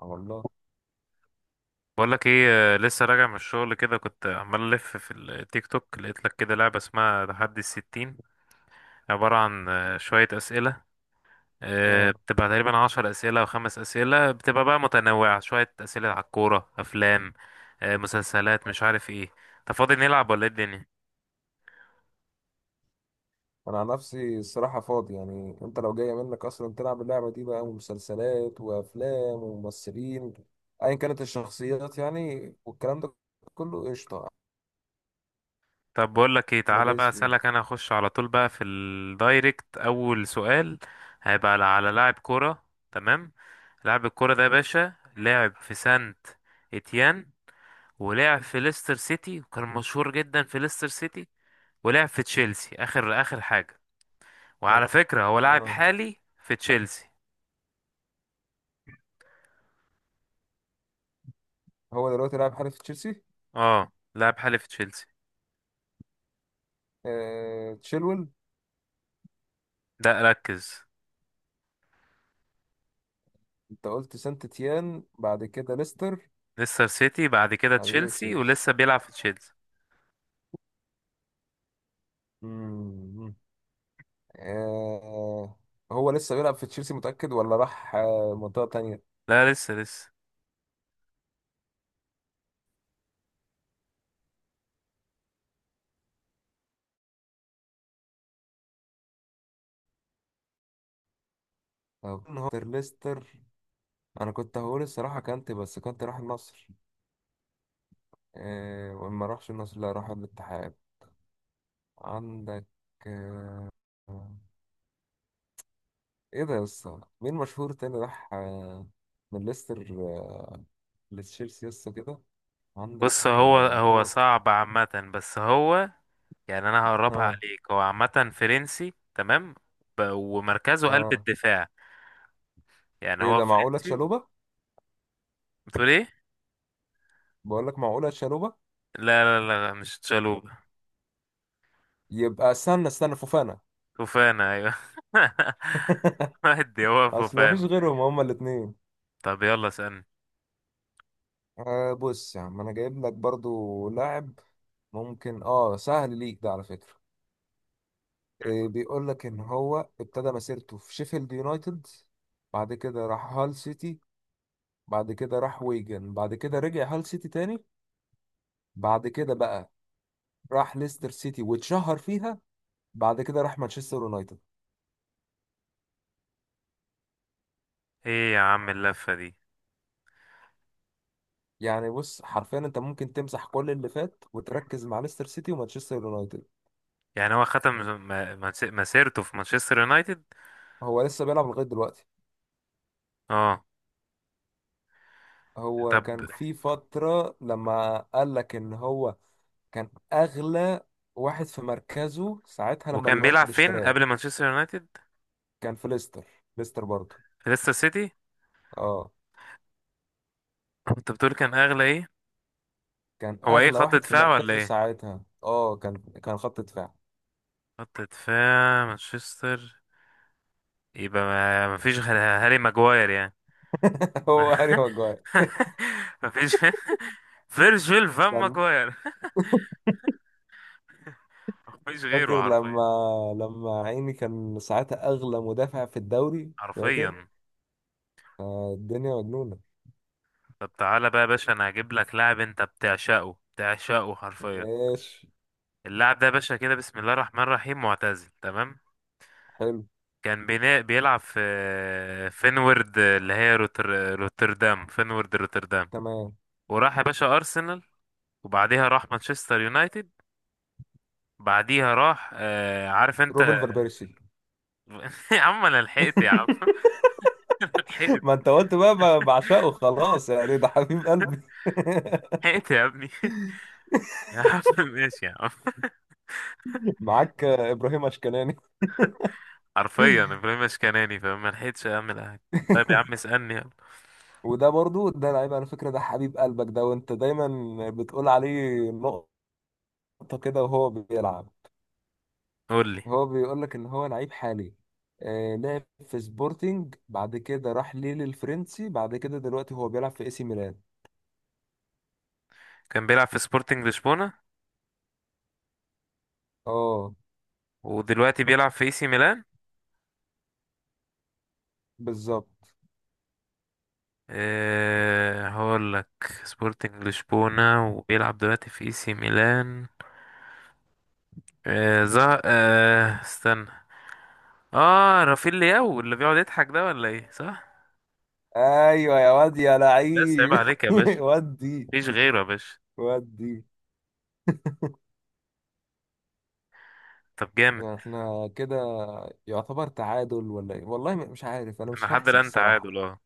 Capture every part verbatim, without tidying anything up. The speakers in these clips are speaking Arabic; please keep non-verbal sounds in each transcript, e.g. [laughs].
آه والله. بقول لك ايه، آه، لسه راجع من الشغل كده. كنت عمال الف في التيك توك، لقيت لك كده لعبه اسمها تحدي الستين، عباره عن آه، شويه اسئله. آه، اه، بتبقى تقريبا عشر اسئله او خمس اسئله، بتبقى بقى متنوعه. شويه اسئله على الكوره، افلام، آه، مسلسلات، مش عارف ايه. انت فاضي نلعب ولا ايه الدنيا؟ انا عن نفسي الصراحه فاضي، يعني انت لو جايه منك اصلا تلعب اللعبه دي بقى ومسلسلات وافلام وممثلين، ايا كانت الشخصيات يعني والكلام ده كله قشطه. طب بقول لك ايه، انا تعالى بقى دايس فيه. اسالك. انا اخش على طول بقى في الدايركت. اول سؤال هيبقى على على لاعب كوره. تمام. لاعب الكوره ده يا باشا لعب في سانت اتيان، ولعب في ليستر سيتي وكان مشهور جدا في ليستر سيتي، ولعب في تشيلسي اخر اخر حاجه. آه. وعلى فكره هو لاعب آه. حالي في تشيلسي. هو دلوقتي لاعب حارس تشيلسي. اه، لاعب حالي في تشيلسي. آه. تشيلول. لا، ركز. انت قلت سانت تيان، بعد كده ليستر، ليستر سيتي بعد كده بعد كده تشيلسي، تشيلسي. ولسه بيلعب في تشيلسي. مم. آه. هو لسه بيلعب في تشيلسي، متاكد ولا راح آه، منطقه تانية؟ لا، لسه لسه. أو هو ليستر. انا كنت هقول الصراحه، كانت بس كنت راح النصر. إيه وما راحش النصر، لا راح الاتحاد. عندك. آه، ايه ده يا اسطى، مين مشهور تاني راح آه، من ليستر آه، لتشيلسي يا اسطى كده؟ عندك. بص، هو آه، هو هو. صعب عامه، بس هو يعني انا هقربها اه. عليك. هو عامه فرنسي. تمام. ب- ومركزه قلب اه. الدفاع. يعني ايه هو ده معقوله فرنسي. تشالوبا؟ بتقول ايه؟ بقول لك معقوله تشالوبا. لا لا لا، مش تشالوب. يبقى استنى استنى فوفانا. فوفانا، ايوه. [laughs] [laughs] ودي هو اصل ما فيش فوفانا. غيرهم، هما الاثنين. طب يلا اسألني. آه بص يا عم، انا جايب لك برضو لاعب ممكن اه سهل ليك ده على فكره. إيه، بيقول لك ان هو ابتدى مسيرته في شيفيلد يونايتد، بعد كده راح هال سيتي، بعد كده راح ويجن، بعد كده رجع هال سيتي تاني، بعد كده بقى راح ليستر سيتي واتشهر فيها، بعد كده راح مانشستر يونايتد. ايه يا عم اللفة دي؟ يعني بص حرفيا انت ممكن تمسح كل اللي فات وتركز مع ليستر سيتي ومانشستر يونايتد. يعني هو ختم م- مس- مسيرته في مانشستر يونايتد. هو لسه بيلعب لغاية دلوقتي. اه. هو طب، كان في فترة لما قال لك ان هو كان اغلى واحد في مركزه ساعتها لما وكان بيلعب اليونايتد فين اشتراه. قبل مانشستر يونايتد؟ كان في ليستر. ليستر برضه. في ليستر سيتي. اه انت بتقول كان اغلى ايه؟ كان هو ايه، اغلى خط واحد في دفاع ولا مركزه ايه؟ ساعتها، اه كان. كان خط دفاع. خط دفاع مانشستر. يبقى ما مفيش غير هاري ماجواير يعني. [laughs] هو هاري [laughs] ماجواير. مفيش. فيرجيل فان كان. ماجواير. [laughs] مفيش غيره فاكر حرفيا. لما لما عيني كان ساعتها اغلى مدافع في الدوري، فاكر. حرفيا. آه، الدنيا مجنونة. طب تعالى بقى يا باشا، انا هجيب لك لاعب انت بتعشقه بتعشقه حرفيا. ماشي. اللاعب ده يا باشا كده، بسم الله الرحمن الرحيم، معتزل. تمام. حلو. كان بينا... بيلعب في فينورد، اللي هي روتر... روتردام. فينورد روتردام. تمام. وراح يا باشا ارسنال، وبعديها راح مانشستر يونايتد. بعديها راح آه... عارف انت. روبن فان بيرسي. [laughs] يا عم انا لحقت يا عم. [laughs] [laughs] ما لحقت. انت قلت بقى ب- بعشقه خلاص، يعني ده حبيب قلبي. لحقت يا ابني. [laughs] يا عم ماشي يا عم. [laughs] [laughs] معاك آه، ابراهيم اشكناني. حرفيا [laughs] ابراهيم اشكناني، فما لحقتش اعمل حاجه. طيب يا عم اسالني يلا. وده برضو ده لعيب، على فكرة ده حبيب قلبك ده، وانت دايما بتقول عليه نقط. خبطة كده وهو بيلعب. قول لي. هو بيقول لك ان هو لعيب حالي. آه لعب في سبورتنج، بعد كده راح ليل الفرنسي، بعد كده دلوقتي هو بيلعب في اي سي ميلان. كان بيلعب في سبورتنج لشبونة، اه. ودلوقتي بيلعب في اي سي ميلان. بالظبط. أه، هقول لك. سبورتنج لشبونة، وبيلعب دلوقتي في اي سي ميلان. أه زه... أه استنى. اه، رافيل لياو اللي بيقعد يضحك ده، ولا ايه؟ صح. ايوه يا واد يا بس عيب لعيب عليك يا [laughs] باشا، ودي. مفيش غيره يا باشا. ودي. طب جامد. يعني احنا كده يعتبر تعادل ولا ايه، والله م- مش عارف، انا انا مش لحد هحسب الان الصراحة. تعادل، اه.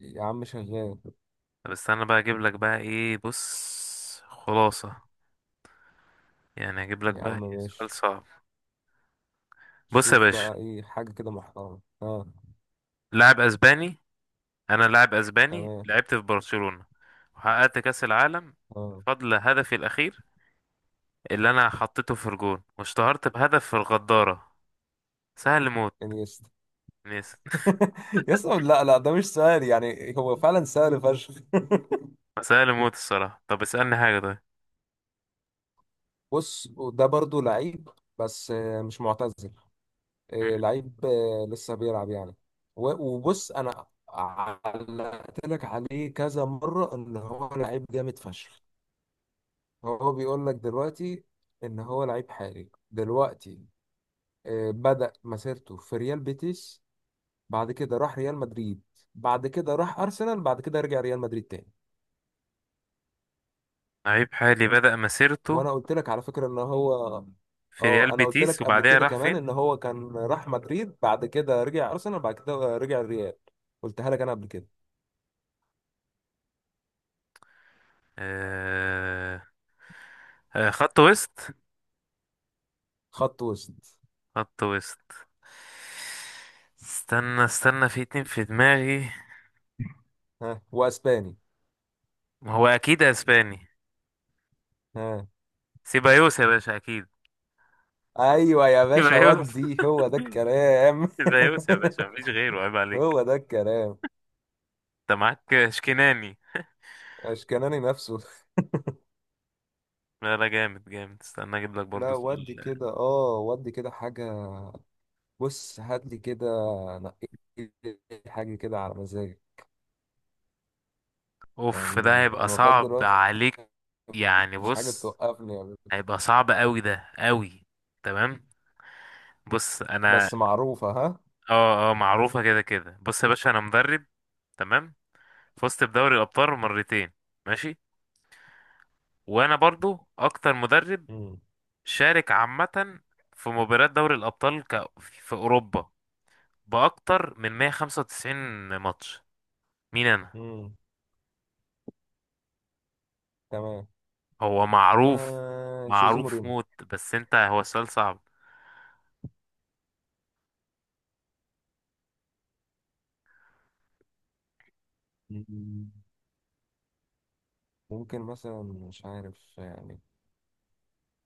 يا عم شغال. طب استنى بقى اجيب لك بقى ايه. بص، خلاصة يعني، اجيب لك يا بقى عم ايه سؤال ماشي. صعب. بص يا شوف باشا، بقى ايه حاجة كده محترمة، اه. لاعب اسباني. انا لاعب اسباني، تمام. لعبت في برشلونة، وحققت كاس العالم اه. بفضل هدفي الاخير اللي انا حطيته في الجون، واشتهرت بهدف في الغدارة. سهل موت. انيستا. ناس. [laughs] يسطا لا لا، ده مش سهل يعني هو فعلا سهل فشخ. [laughs] [laughs] سهل موت الصراحة. طب اسألني حاجة طيب. بص، ده برضو لعيب بس آه، مش معتزل. مم. آه، لعيب آه، لسه بيلعب يعني. و- وبص انا علقت لك عليه كذا مرة ان هو لعيب جامد فشخ. هو بيقول لك دلوقتي ان هو لعيب حالي دلوقتي. آه، بدأ مسيرته في ريال بيتيس، بعد كده راح ريال مدريد، بعد كده راح ارسنال، بعد كده رجع ريال مدريد تاني. لعيب حالي بدأ مسيرته وانا قلت لك على فكره ان هو في ريال اه، انا قلت بيتيس، لك قبل وبعدها كده راح كمان فين؟ ان هو كان راح مدريد بعد كده رجع ارسنال بعد كده رجع الريال. قلتها لك انا قبل كده. آه... آه خط وسط. خط وسط. خط وسط. استنى استنى، في اتنين في دماغي. ها، واسباني. هو اكيد اسباني. ها. سيبايوس يا باشا اكيد. ايوه يا [laughs] باشا، سيبايوس. ودي هو ده الكلام. زيوس يا باشا، مفيش غيره، عيب [laughs] عليك. هو ده الكلام. انت معاك شكناني. اشكناني نفسه. لا لا، جامد جامد. استنى اجيب لك لا برضه سؤال. ودي كده اه، ودي كده حاجه. بص هات لي كده، نقي لي حاجه كده على مزاجك. اوف، ده يعني هيبقى انا لغايه صعب دلوقتي عليك. يعني مفيش حاجه بص، بتوقفني يعني. هيبقى صعب قوي، ده قوي. تمام. بص انا. بس معروفة ها. اه اه، معروفة كده كده. بص يا باشا، انا مدرب. تمام. فزت بدوري الابطال مرتين. ماشي. وانا برضو اكتر مدرب مم. شارك عامة في مباريات دوري الابطال ك... في اوروبا، باكتر من مية وخمسة وتسعين ماتش. مين انا؟ مم. تمام. هو معروف. آه جوزيه معروف مورينو. موت، بس انت هو السؤال صعب. مم. ممكن مثلا مش عارف يعني،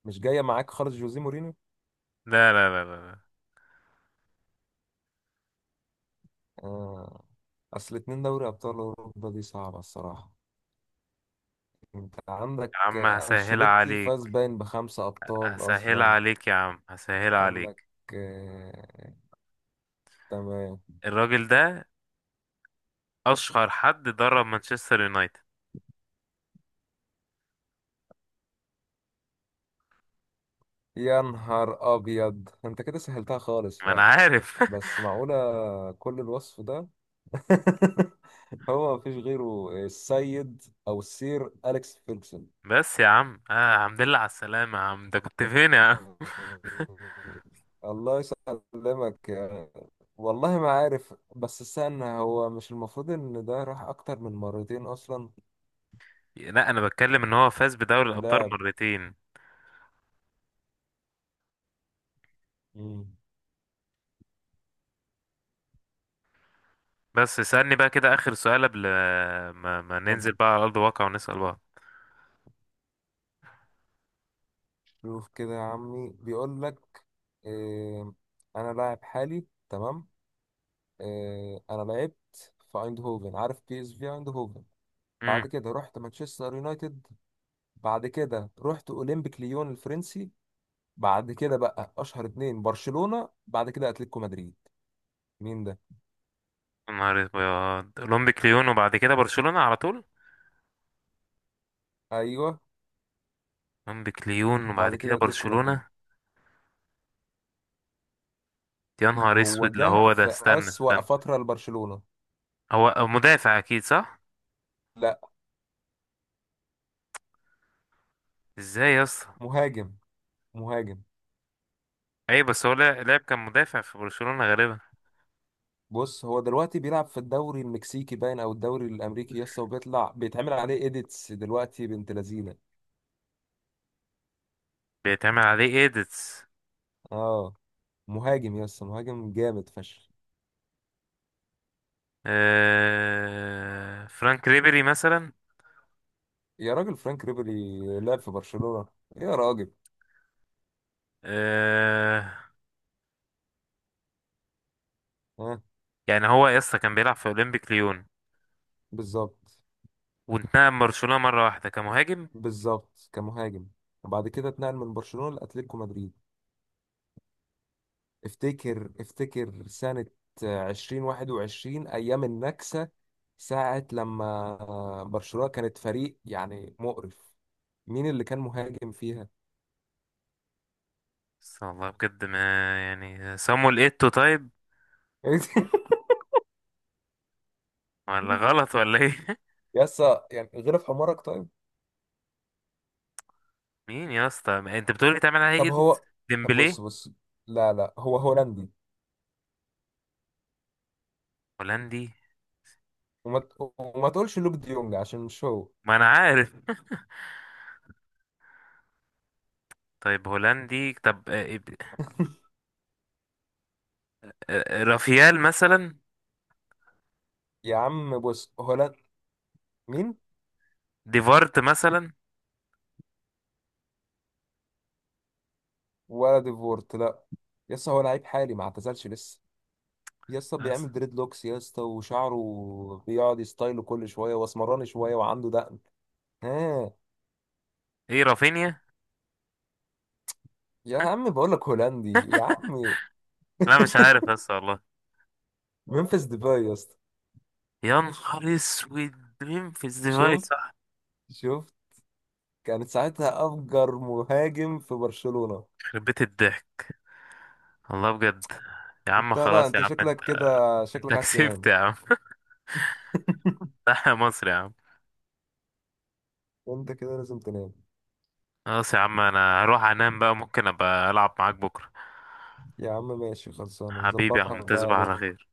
مش جاية معاك خالص جوزيه مورينو. لا لا لا لا لا. آه. أصل اتنين دوري أبطال أوروبا دي صعبة الصراحة. أنت عندك يا عم آه، هسهل أنشيلوتي فاز عليك. باين بخمسة أبطال هسهل أصلا. عليك يا عم، هسهل عندك. عليك. آه. تمام. الراجل ده اشهر حد درب مانشستر يونايتد. يا نهار أبيض، أنت كده سهلتها خالص ما فعلا. انا عارف. [laughs] بس معقولة كل الوصف ده؟ [laughs] هو مفيش غيره السيد او السير اليكس فيرجسون. بس يا عم، آه الحمد لله على السلامة يا عم، ده كنت فين يا عم؟ الله يسلمك يا-. والله ما عارف، بس استنى، هو مش المفروض ان ده راح اكتر من مرتين اصلا؟ لا، انا بتكلم ان هو فاز بدوري الابطال لاعب. مرتين. مم. بس اسألني بقى كده اخر سؤال، قبل ما, ما طب ننزل بقى على ارض الواقع ونسأل بعض. شوف كده يا عمي، بيقول لك إيه. انا لاعب حالي تمام. إيه، انا لعبت في ايندهوفن، عارف بي اس في ايندهوفن. امم. بعد كده رحت مانشستر يونايتد. بعد كده رحت اولمبيك ليون الفرنسي. بعد كده بقى اشهر اتنين برشلونة بعد كده اتلتيكو مدريد. مين ده؟ نهار ابيض، اولمبيك ليون وبعد كده برشلونة على طول. ايوه. مونبيك ليون وبعد بعد كده كده اتلتيكو مدريد. برشلونة. يا نهار هو اسود، لا جه هو ده، في استنى اسوأ استنى. فترة لبرشلونة. هو هو مدافع اكيد، صح؟ لا. ازاي يا اسطى؟ مهاجم. مهاجم. اي بس هو لا- لاعب كان مدافع في برشلونة غالبا. بص هو دلوقتي بيلعب في الدوري المكسيكي، باين او الدوري الامريكي يسطا، وبيطلع بيتعمل عليه ايديتس دلوقتي بنت لذينه. بيتعمل عليه ايديتس. اه. مهاجم يسطا، مهاجم جامد فشخ. آه... فرانك ريبيري مثلا. يا راجل فرانك ريبيري لعب في برشلونة يا راجل. آه... ها. يعني هو يا اسطى كان بيلعب في اولمبيك ليون، بالظبط. وانتقل من برشلونة مرة واحدة كمهاجم. بالظبط كمهاجم. وبعد كده اتنقل من برشلونة لأتلتيكو مدريد. افتكر افتكر سنة عشرين واحد وعشرين أيام النكسة، ساعة لما برشلونة كانت فريق يعني مقرف. مين اللي كان مهاجم فيها؟ بس والله بجد ما. يعني صامويل ايتو طيب، [laughs] ولا غلط ولا ايه؟ [laughs] يسا يعني، غير في حمارك طيب. مين يا اسطى، ما انت بتقول بيتعمل عليه طب ايديتس؟ هو. طب ديمبلي. بص بص. لا لا هو هولندي. هولندي. وما, ت- وما تقولش لوك ديونج عشان مش هو. ما انا عارف. [laughs] طيب هولندي. طب آه، إب- آه، رافيال مثلا. يا عم بص هولند. مين؟ ديفارت مثلا. ولا ديفورت لا. يسا هو لعيب حالي ما اعتزلش لسه. يسا بيعمل أس- دريد لوكس، يسا وشعره بيقعد يستايله كل شويه، واسمراني شويه، وعنده دقن. ها. ايه رافينيا. يا عم بقول لك هولندي يا عم. لا مش [laughs] عارف بس والله. ممفيس ديباي يا اسطى. يا نهار اسود. مين في الزفاي؟ شفت. صح. شفت. كانت ساعتها افجر مهاجم في برشلونة. يخرب بيت الضحك. والله بجد. يا عم انت لا خلاص يا انت عم، انت شكلك كده، انت شكلك عايز كسبت تنام. يا عم. [laughs] صح يا مصر يا عم. انت كده لازم تنام. خلاص يا عم، انا هروح انام بقى. ممكن ابقى العب معاك بكره. يا عم ماشي، خلصانه حبيبي يا نظبطها عم، بقى تصبح على بكره. خير.